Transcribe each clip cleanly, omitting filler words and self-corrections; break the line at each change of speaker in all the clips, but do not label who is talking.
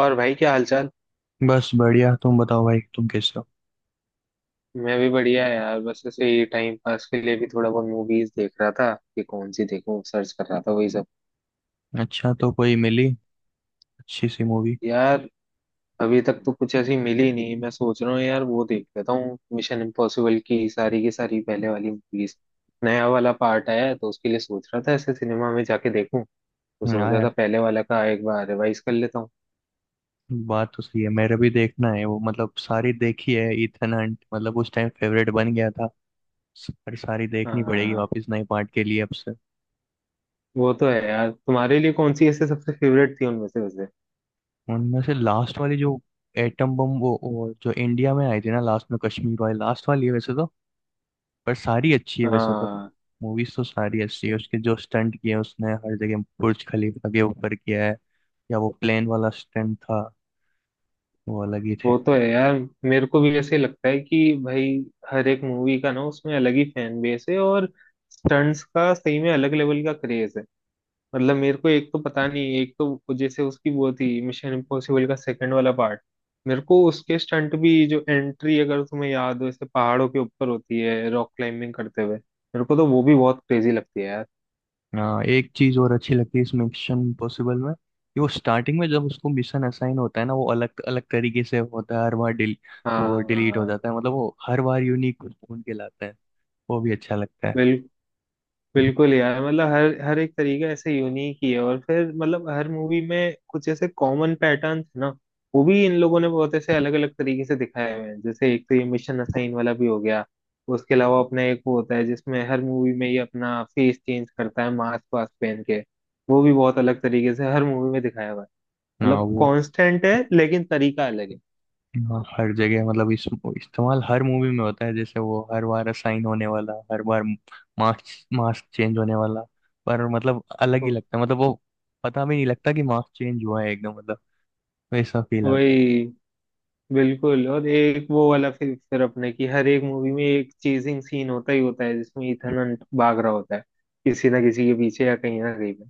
और भाई, क्या हालचाल।
बस बढ़िया। तुम बताओ भाई, तुम कैसे हो?
मैं भी बढ़िया है यार। बस ऐसे ही टाइम पास के लिए भी थोड़ा बहुत मूवीज देख रहा था कि कौन सी देखूं, सर्च कर रहा था, वही सब।
अच्छा, तो कोई मिली अच्छी सी मूवी?
यार, अभी तक तो कुछ ऐसी मिली नहीं। मैं सोच रहा हूँ यार, वो देख लेता हूँ मिशन इम्पॉसिबल की सारी पहले वाली मूवीज। नया वाला पार्ट आया है तो उसके लिए सोच रहा था ऐसे सिनेमा में जाके देखूं। तो
हाँ
सोचा था
यार,
पहले वाला का एक बार रिवाइज कर लेता हूँ।
बात तो सही है। मेरा भी देखना है वो, मतलब सारी देखी है इथन हंट, मतलब उस टाइम फेवरेट बन गया था। पर सारी देखनी पड़ेगी
हाँ,
वापस नए पार्ट के लिए अब से।
वो तो है यार। तुम्हारे लिए कौन सी ऐसे सबसे फेवरेट थी उनमें से वैसे?
उनमें से लास्ट वाली जो एटम बम, वो जो इंडिया में आई थी ना, लास्ट में कश्मीर वाली, लास्ट वाली है वैसे तो। पर सारी अच्छी है वैसे तो।
हाँ,
मूवीज तो सारी अच्छी है, उसके जो स्टंट किए उसने हर जगह, बुर्ज खलीफा के ऊपर किया है या वो प्लेन वाला स्टंट था, वो अलग ही थे।
वो तो है यार। मेरे को भी ऐसे ही लगता है कि भाई, हर एक मूवी का ना उसमें अलग ही फैन बेस है और स्टंट्स का सही में अलग लेवल का क्रेज है। मतलब मेरे को, एक तो पता नहीं, एक तो जैसे उसकी वो थी मिशन इम्पॉसिबल का सेकंड वाला पार्ट। मेरे को उसके स्टंट भी, जो एंट्री अगर तुम्हें याद हो ऐसे पहाड़ों के ऊपर होती है रॉक क्लाइंबिंग करते हुए, मेरे को तो वो भी बहुत क्रेजी लगती है यार।
हाँ, एक चीज और अच्छी लगती है इस मिशन इम्पॉसिबल में, कि वो स्टार्टिंग में जब उसको मिशन असाइन होता है ना, वो अलग अलग तरीके से होता है हर बार। डिल वो डिलीट हो
हाँ,
जाता है, मतलब वो हर बार यूनिक कुछ ढूंढ के लाता है। वो भी अच्छा लगता है।
बिल्कुल। बिल्कुल यार, मतलब हर हर एक तरीका ऐसे यूनिक ही है। और फिर मतलब हर मूवी में कुछ ऐसे कॉमन पैटर्न है ना, वो भी इन लोगों ने बहुत ऐसे अलग अलग तरीके से दिखाए हुए हैं। जैसे एक तो ये मिशन असाइन वाला भी हो गया, उसके अलावा अपना एक वो होता है जिसमें हर मूवी में ये अपना फेस चेंज करता है मास्क वास्क पहन के। वो भी बहुत अलग तरीके से हर मूवी में दिखाया हुआ है।
हाँ
मतलब
वो।
कांस्टेंट है लेकिन तरीका अलग है।
हाँ, हर जगह, मतलब इस वो इस्तेमाल हर मूवी में होता है, जैसे वो हर बार असाइन होने वाला, हर बार मार्क्स मार्क्स चेंज होने वाला। पर मतलब अलग ही
तो
लगता है, मतलब वो पता भी नहीं लगता कि मार्क्स चेंज हुआ है एकदम, मतलब वैसा फील आता है।
वही, बिल्कुल। और एक वो वाला, फिर अपने की हर एक मूवी में एक चेजिंग सीन होता ही होता है जिसमें ईथन हंट भाग रहा होता है किसी ना किसी के पीछे या कहीं ना कहीं पे।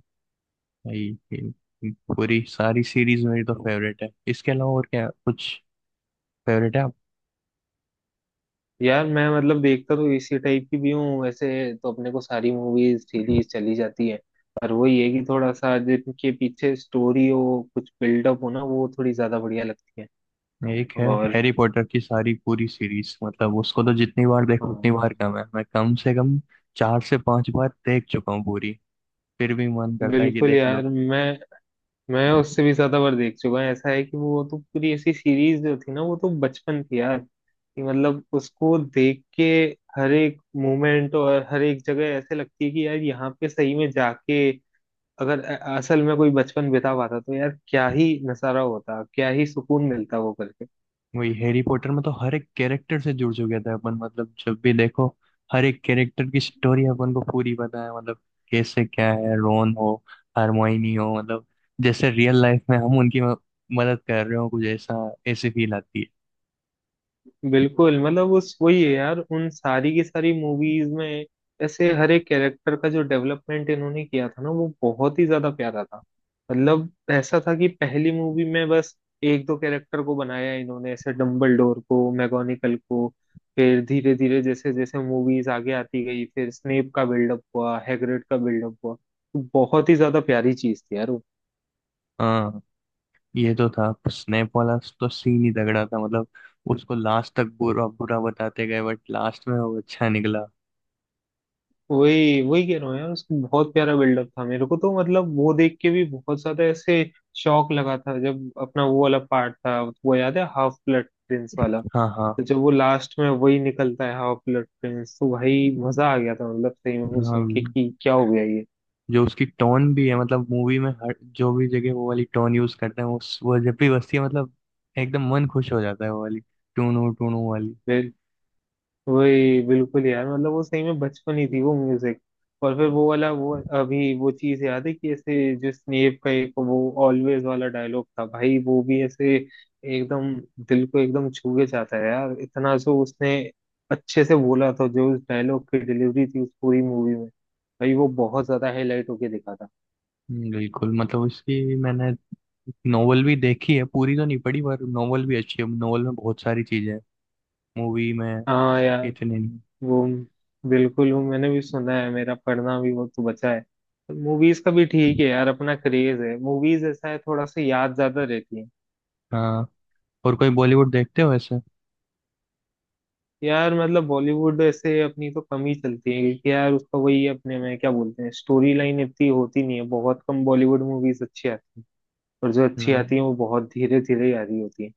भाई, ये पूरी सारी सीरीज मेरी तो फेवरेट है। इसके अलावा और क्या कुछ फेवरेट है आप?
यार मैं, मतलब देखता तो इसी टाइप की भी हूँ वैसे। तो अपने को सारी मूवीज सीरीज चली जाती है। पर वही है कि थोड़ा सा जिनके पीछे स्टोरी हो, कुछ बिल्डअप हो ना, वो थोड़ी ज्यादा बढ़िया लगती है।
एक है
और
हैरी पॉटर की सारी पूरी सीरीज, मतलब उसको तो जितनी बार देखो उतनी बार
हाँ,
कम है। मैं कम से कम चार से पांच बार देख चुका हूँ पूरी, फिर भी मन करता है कि
बिल्कुल
देख लो।
यार। मैं उससे भी ज्यादा बार देख चुका हूँ। ऐसा है कि वो तो पूरी ऐसी सीरीज जो थी ना, वो तो बचपन थी यार। कि मतलब उसको देख के हर एक मोमेंट और हर एक जगह ऐसे लगती है कि यार, यहाँ पे सही में जाके अगर असल में कोई बचपन बिता पाता तो यार क्या ही नजारा होता, क्या ही सुकून मिलता वो करके।
वही, हैरी पॉटर में तो हर एक कैरेक्टर से जुड़ चुके थे अपन, मतलब जब भी देखो, हर एक कैरेक्टर की स्टोरी अपन को पूरी पता है, मतलब कैसे क्या है, रोन हो, हरमाइनी हो, मतलब जैसे रियल लाइफ में हम उनकी मदद कर रहे हो, कुछ ऐसा ऐसी फील आती है।
बिल्कुल, मतलब उस वही है यार, उन सारी की सारी मूवीज में ऐसे हर एक कैरेक्टर का जो डेवलपमेंट इन्होंने किया था ना, वो बहुत ही ज्यादा प्यारा था। मतलब ऐसा था कि पहली मूवी में बस एक दो कैरेक्टर को बनाया इन्होंने, ऐसे डम्बलडोर को, मैगोनिकल को। फिर धीरे धीरे जैसे जैसे मूवीज आगे आती गई, फिर स्नेप का बिल्डअप हुआ, हैग्रिड का बिल्डअप हुआ। तो बहुत ही ज्यादा प्यारी चीज थी यार वो।
हाँ, ये तो था स्नेप वाला तो सीन ही तगड़ा था, मतलब उसको लास्ट तक बुरा बुरा बताते गए, बट लास्ट में वो अच्छा निकला।
वही वही कह रहा हूँ यार, उसका बहुत प्यारा बिल्डअप था। मेरे को तो मतलब वो देख के भी बहुत ज्यादा ऐसे शौक लगा था जब अपना वो वाला पार्ट था। वो याद है हाफ ब्लड प्रिंस वाला?
हाँ, हाँ,
तो जब वो लास्ट में वही निकलता है हाफ ब्लड प्रिंस, तो भाई मजा आ गया था। मतलब सही में वो सुन के
हाँ,
कि क्या हो गया।
जो उसकी टोन भी है, मतलब मूवी में हर जो भी जगह वो वाली टोन यूज करते हैं, वो जब भी बजती है, मतलब एकदम मन खुश हो जाता है, वो वाली टूनू टूनू वाली।
ये वही, बिल्कुल यार। मतलब वो सही में बचपन ही थी वो म्यूजिक। और फिर वो वाला वो, अभी वो चीज याद है कि ऐसे जो स्नेप का एक वो ऑलवेज वाला डायलॉग था भाई, वो भी ऐसे एकदम दिल को एकदम छू के जाता है यार। इतना जो उसने अच्छे से बोला था, जो उस डायलॉग की डिलीवरी थी उस पूरी मूवी में, भाई वो बहुत ज्यादा हाईलाइट होके दिखा था।
बिल्कुल, मतलब उसकी मैंने नोवेल भी देखी है, पूरी तो नहीं पढ़ी, पर नोवेल भी अच्छी है। नोवेल में बहुत सारी चीजें हैं, मूवी में
हाँ यार,
इतनी नहीं।
वो बिल्कुल। वो मैंने भी सुना है, मेरा पढ़ना भी वो तो बचा है। मूवीज का भी ठीक है यार, अपना क्रेज है। मूवीज ऐसा है थोड़ा सा याद ज्यादा रहती है।
हाँ, और कोई बॉलीवुड देखते हो ऐसे?
यार मतलब बॉलीवुड ऐसे अपनी तो कम ही चलती है, क्योंकि यार उसका वही अपने में क्या बोलते हैं, स्टोरी लाइन इतनी होती नहीं है। बहुत कम बॉलीवुड मूवीज अच्छी आती है, और जो अच्छी
हाँ,
आती है वो बहुत धीरे धीरे ही आ रही होती है।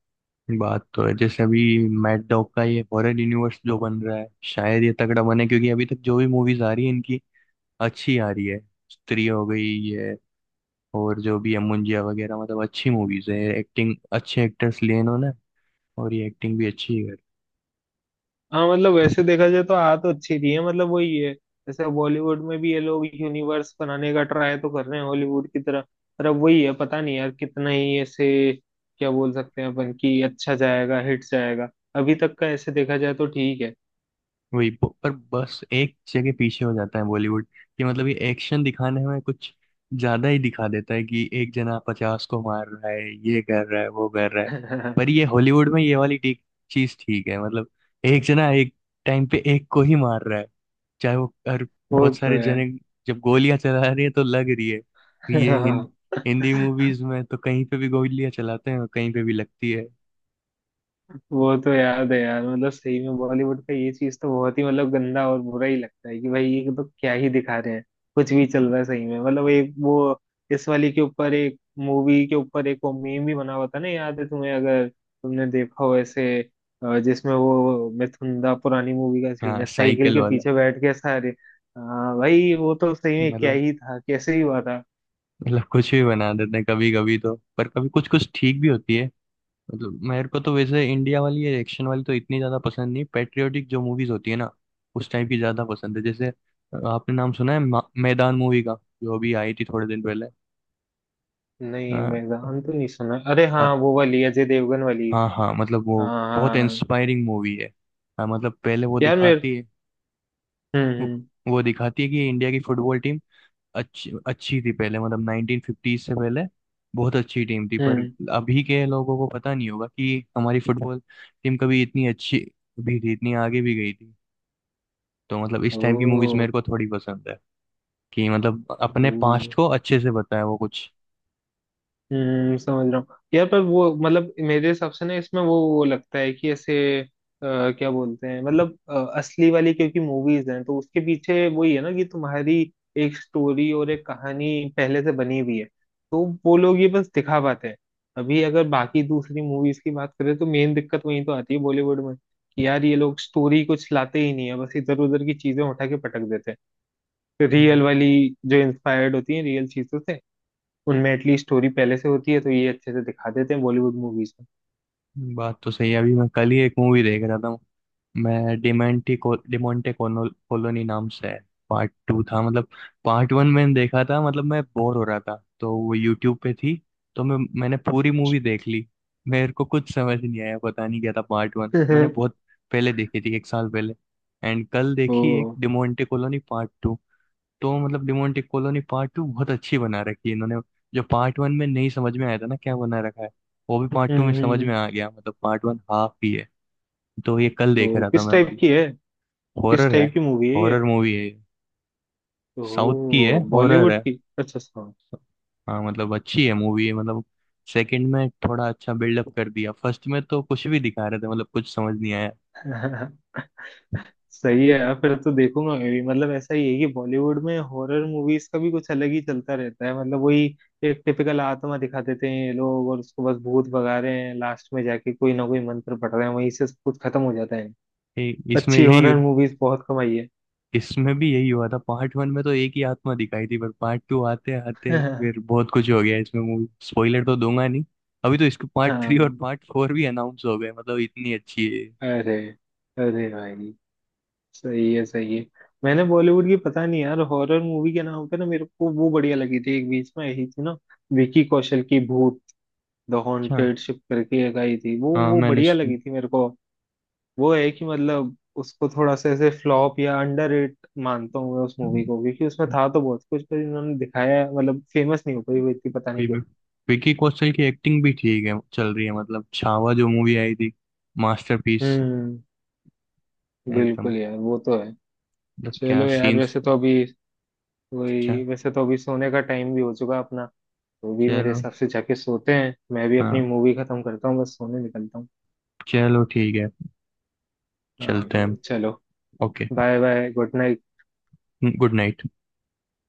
बात तो है, जैसे अभी मैट डॉग का ये हॉरर यूनिवर्स जो बन रहा है, शायद ये तगड़ा बने, क्योंकि अभी तक जो भी मूवीज आ रही है इनकी, अच्छी आ रही है। स्त्री हो गई, ये, और जो भी है मुंजिया वगैरह, मतलब अच्छी मूवीज है। एक्टिंग, अच्छे एक्टर्स लिए इन्होंने, और ये एक्टिंग भी अच्छी है।
हाँ, मतलब वैसे देखा जाए तो आ तो अच्छी रही है। मतलब वही है, जैसे बॉलीवुड में भी ये लोग यूनिवर्स बनाने का ट्राई तो कर रहे हैं हॉलीवुड की तरह। पर अब वही है, पता नहीं यार कितना ही ऐसे क्या बोल सकते हैं अपन कि अच्छा जाएगा, हिट जाएगा। अभी तक का ऐसे देखा जाए तो ठीक है।
वही पर बस एक जगह पीछे हो जाता है बॉलीवुड, कि मतलब ये एक्शन दिखाने में कुछ ज्यादा ही दिखा देता है, कि एक जना पचास को मार रहा है, ये कर रहा है, वो कर रहा है। पर ये हॉलीवुड में ये वाली ठीक चीज ठीक है, मतलब एक जना एक टाइम पे एक को ही मार रहा है, चाहे वो और
वो
बहुत
तो
सारे
है।
जने जब गोलियां चला रही है तो लग रही है। कि ये हिंदी मूवीज में तो कहीं पे भी गोलियां चलाते हैं और कहीं पे भी लगती है।
वो तो याद है यार, मतलब सही में बॉलीवुड का ये चीज तो बहुत ही मतलब गंदा और बुरा ही लगता है कि भाई ये तो क्या ही दिखा रहे हैं। कुछ भी चल रहा है सही में। मतलब एक वो, इस वाली के ऊपर, एक मूवी के ऊपर एक वो मीम भी बना हुआ था ना, याद है तुम्हें? अगर तुमने देखा हो ऐसे, जिसमें वो मिथुंदा पुरानी मूवी का सीन
हाँ,
है, साइकिल
साइकिल
के
वाला,
पीछे बैठ के सारे। हाँ भाई, वो तो सही में क्या
मतलब
ही था, कैसे ही हुआ था।
मतलब कुछ भी बना देते हैं कभी कभी तो, पर कभी कुछ कुछ ठीक भी होती है। मतलब मेरे को तो वैसे इंडिया वाली ये एक्शन वाली तो इतनी ज्यादा पसंद नहीं, पेट्रियोटिक जो मूवीज होती है ना, उस टाइप की ज्यादा पसंद है। जैसे आपने नाम सुना है मैदान मूवी का, जो अभी आई थी थोड़े दिन पहले?
नहीं, मैदान तो नहीं सुना। अरे हाँ,
हाँ,
वो वाली अजय देवगन वाली।
हाँ, हाँ, मतलब वो
हाँ
बहुत
हाँ
इंस्पायरिंग मूवी है। हाँ, मतलब पहले वो
यार। मेरे
दिखाती है,
हम्म,
वो दिखाती है कि इंडिया की फुटबॉल टीम अच्छी अच्छी थी पहले, मतलब 1950 से पहले बहुत अच्छी टीम थी। पर
हम्म।
अभी के लोगों को पता नहीं होगा कि हमारी फुटबॉल टीम कभी इतनी अच्छी भी थी, इतनी आगे भी गई थी। तो मतलब इस टाइम की मूवीज
ओ।
मेरे को थोड़ी पसंद है, कि मतलब अपने
हम्म,
पास्ट को अच्छे से बताया वो कुछ।
समझ रहा हूँ यार। पर वो, मतलब मेरे हिसाब से ना इसमें वो लगता है कि ऐसे क्या बोलते हैं, मतलब असली वाली। क्योंकि मूवीज हैं तो उसके पीछे वही है ना, कि तुम्हारी एक स्टोरी और एक कहानी पहले से बनी हुई है। तो वो लोग ये बस दिखा पाते हैं। अभी अगर बाकी दूसरी मूवीज की बात करें तो मेन दिक्कत वही तो आती है बॉलीवुड में, कि यार ये लोग स्टोरी कुछ लाते ही नहीं है, बस इधर उधर की चीजें उठा के पटक देते हैं।
हम्म,
रियल वाली जो इंस्पायर्ड होती है रियल चीजों से, उनमें एटलीस्ट स्टोरी पहले से होती है तो ये अच्छे से दिखा देते हैं बॉलीवुड मूवीज।
बात तो सही है। अभी मैं कल ही एक मूवी देख रहा था। मैं डिमेंटी को, डिमोंटे कोनो कॉलोनी नाम से है, पार्ट टू था, मतलब पार्ट वन मैंने देखा था, मतलब मैं बोर हो रहा था तो वो यूट्यूब पे थी, तो मैं मैंने पूरी
अच्छा,
मूवी देख ली। मेरे को कुछ समझ नहीं आया, पता नहीं क्या था पार्ट वन।
में
मैंने
अच्छा।
बहुत पहले देखी थी, एक साल पहले, एंड कल देखी एक
तो
डिमोंटे कॉलोनी पार्ट टू। तो मतलब डिमोंटे कॉलोनी पार्ट टू बहुत अच्छी बना रखी है इन्होंने। जो पार्ट वन में नहीं समझ में आया था ना क्या बना रखा है, वो भी पार्ट टू में
हम्म,
समझ
हम्म।
में आ गया, मतलब पार्ट वन हाफ ही है। तो ये कल देख
तो
रहा था मैं, मतलब
किस
हॉरर है।
टाइप की मूवी है ये?
हॉरर मूवी है, साउथ की है,
तो
हॉरर
बॉलीवुड
है।
की अच्छा सॉन्ग।
हाँ, मतलब अच्छी है, मूवी है, मतलब सेकंड में थोड़ा अच्छा बिल्डअप कर दिया, फर्स्ट में तो कुछ भी दिखा रहे थे, मतलब कुछ समझ नहीं आया।
सही है यार। फिर तो देखूंगा मैं भी। मतलब ऐसा ही है कि बॉलीवुड में हॉरर मूवीज का भी कुछ अलग ही चलता रहता है। मतलब वही, एक टिपिकल आत्मा दिखा देते हैं ये लोग और उसको बस भूत भगा रहे हैं। लास्ट में जाके कोई ना कोई मंत्र पढ़ रहे हैं, वहीं से सब कुछ खत्म हो जाता है।
ए, इसमें
अच्छी
यही,
हॉरर मूवीज बहुत कम आई है।
इसमें भी यही हुआ था। पार्ट वन में तो एक ही आत्मा दिखाई थी, पर पार्ट टू आते आते फिर बहुत कुछ हो गया इसमें। मूवी स्पॉइलर तो दूंगा नहीं। अभी तो इसके पार्ट थ्री और
हाँ।
पार्ट फोर भी अनाउंस हो गए, मतलब इतनी अच्छी है ये।
अरे, अरे भाई, सही है, सही है। मैंने बॉलीवुड की, पता नहीं यार, हॉरर मूवी के नाम पे ना मेरे को वो बढ़िया लगी थी एक बीच में आई थी ना, विकी कौशल की भूत द
अच्छा,
हॉन्टेड शिप करके एक आई थी, वो
हाँ
वो
मैंने
बढ़िया
सुन,
लगी थी मेरे को। वो है कि मतलब उसको थोड़ा सा ऐसे फ्लॉप या अंडररेट मानता हूँ मैं उस मूवी को, क्योंकि उसमें था तो बहुत कुछ पर इन्होंने दिखाया, मतलब फेमस नहीं हो पाई वो इतनी, पता
वही
नहीं क्यों।
विकी कौशल की एक्टिंग भी ठीक है, चल रही है। मतलब छावा जो मूवी आई थी, मास्टरपीस
हम्म,
है एकदम,
बिल्कुल यार, वो तो है।
मतलब क्या
चलो यार,
सीन्स। अच्छा,
वैसे तो अभी सोने का टाइम भी हो चुका अपना। तो भी मेरे
चलो।
हिसाब से जाके सोते हैं। मैं भी अपनी
हाँ,
मूवी खत्म करता हूँ, बस सोने निकलता हूँ।
चलो ठीक है, चलते हैं।
हाँ चलो,
okay,
bye bye, good night.
Good night.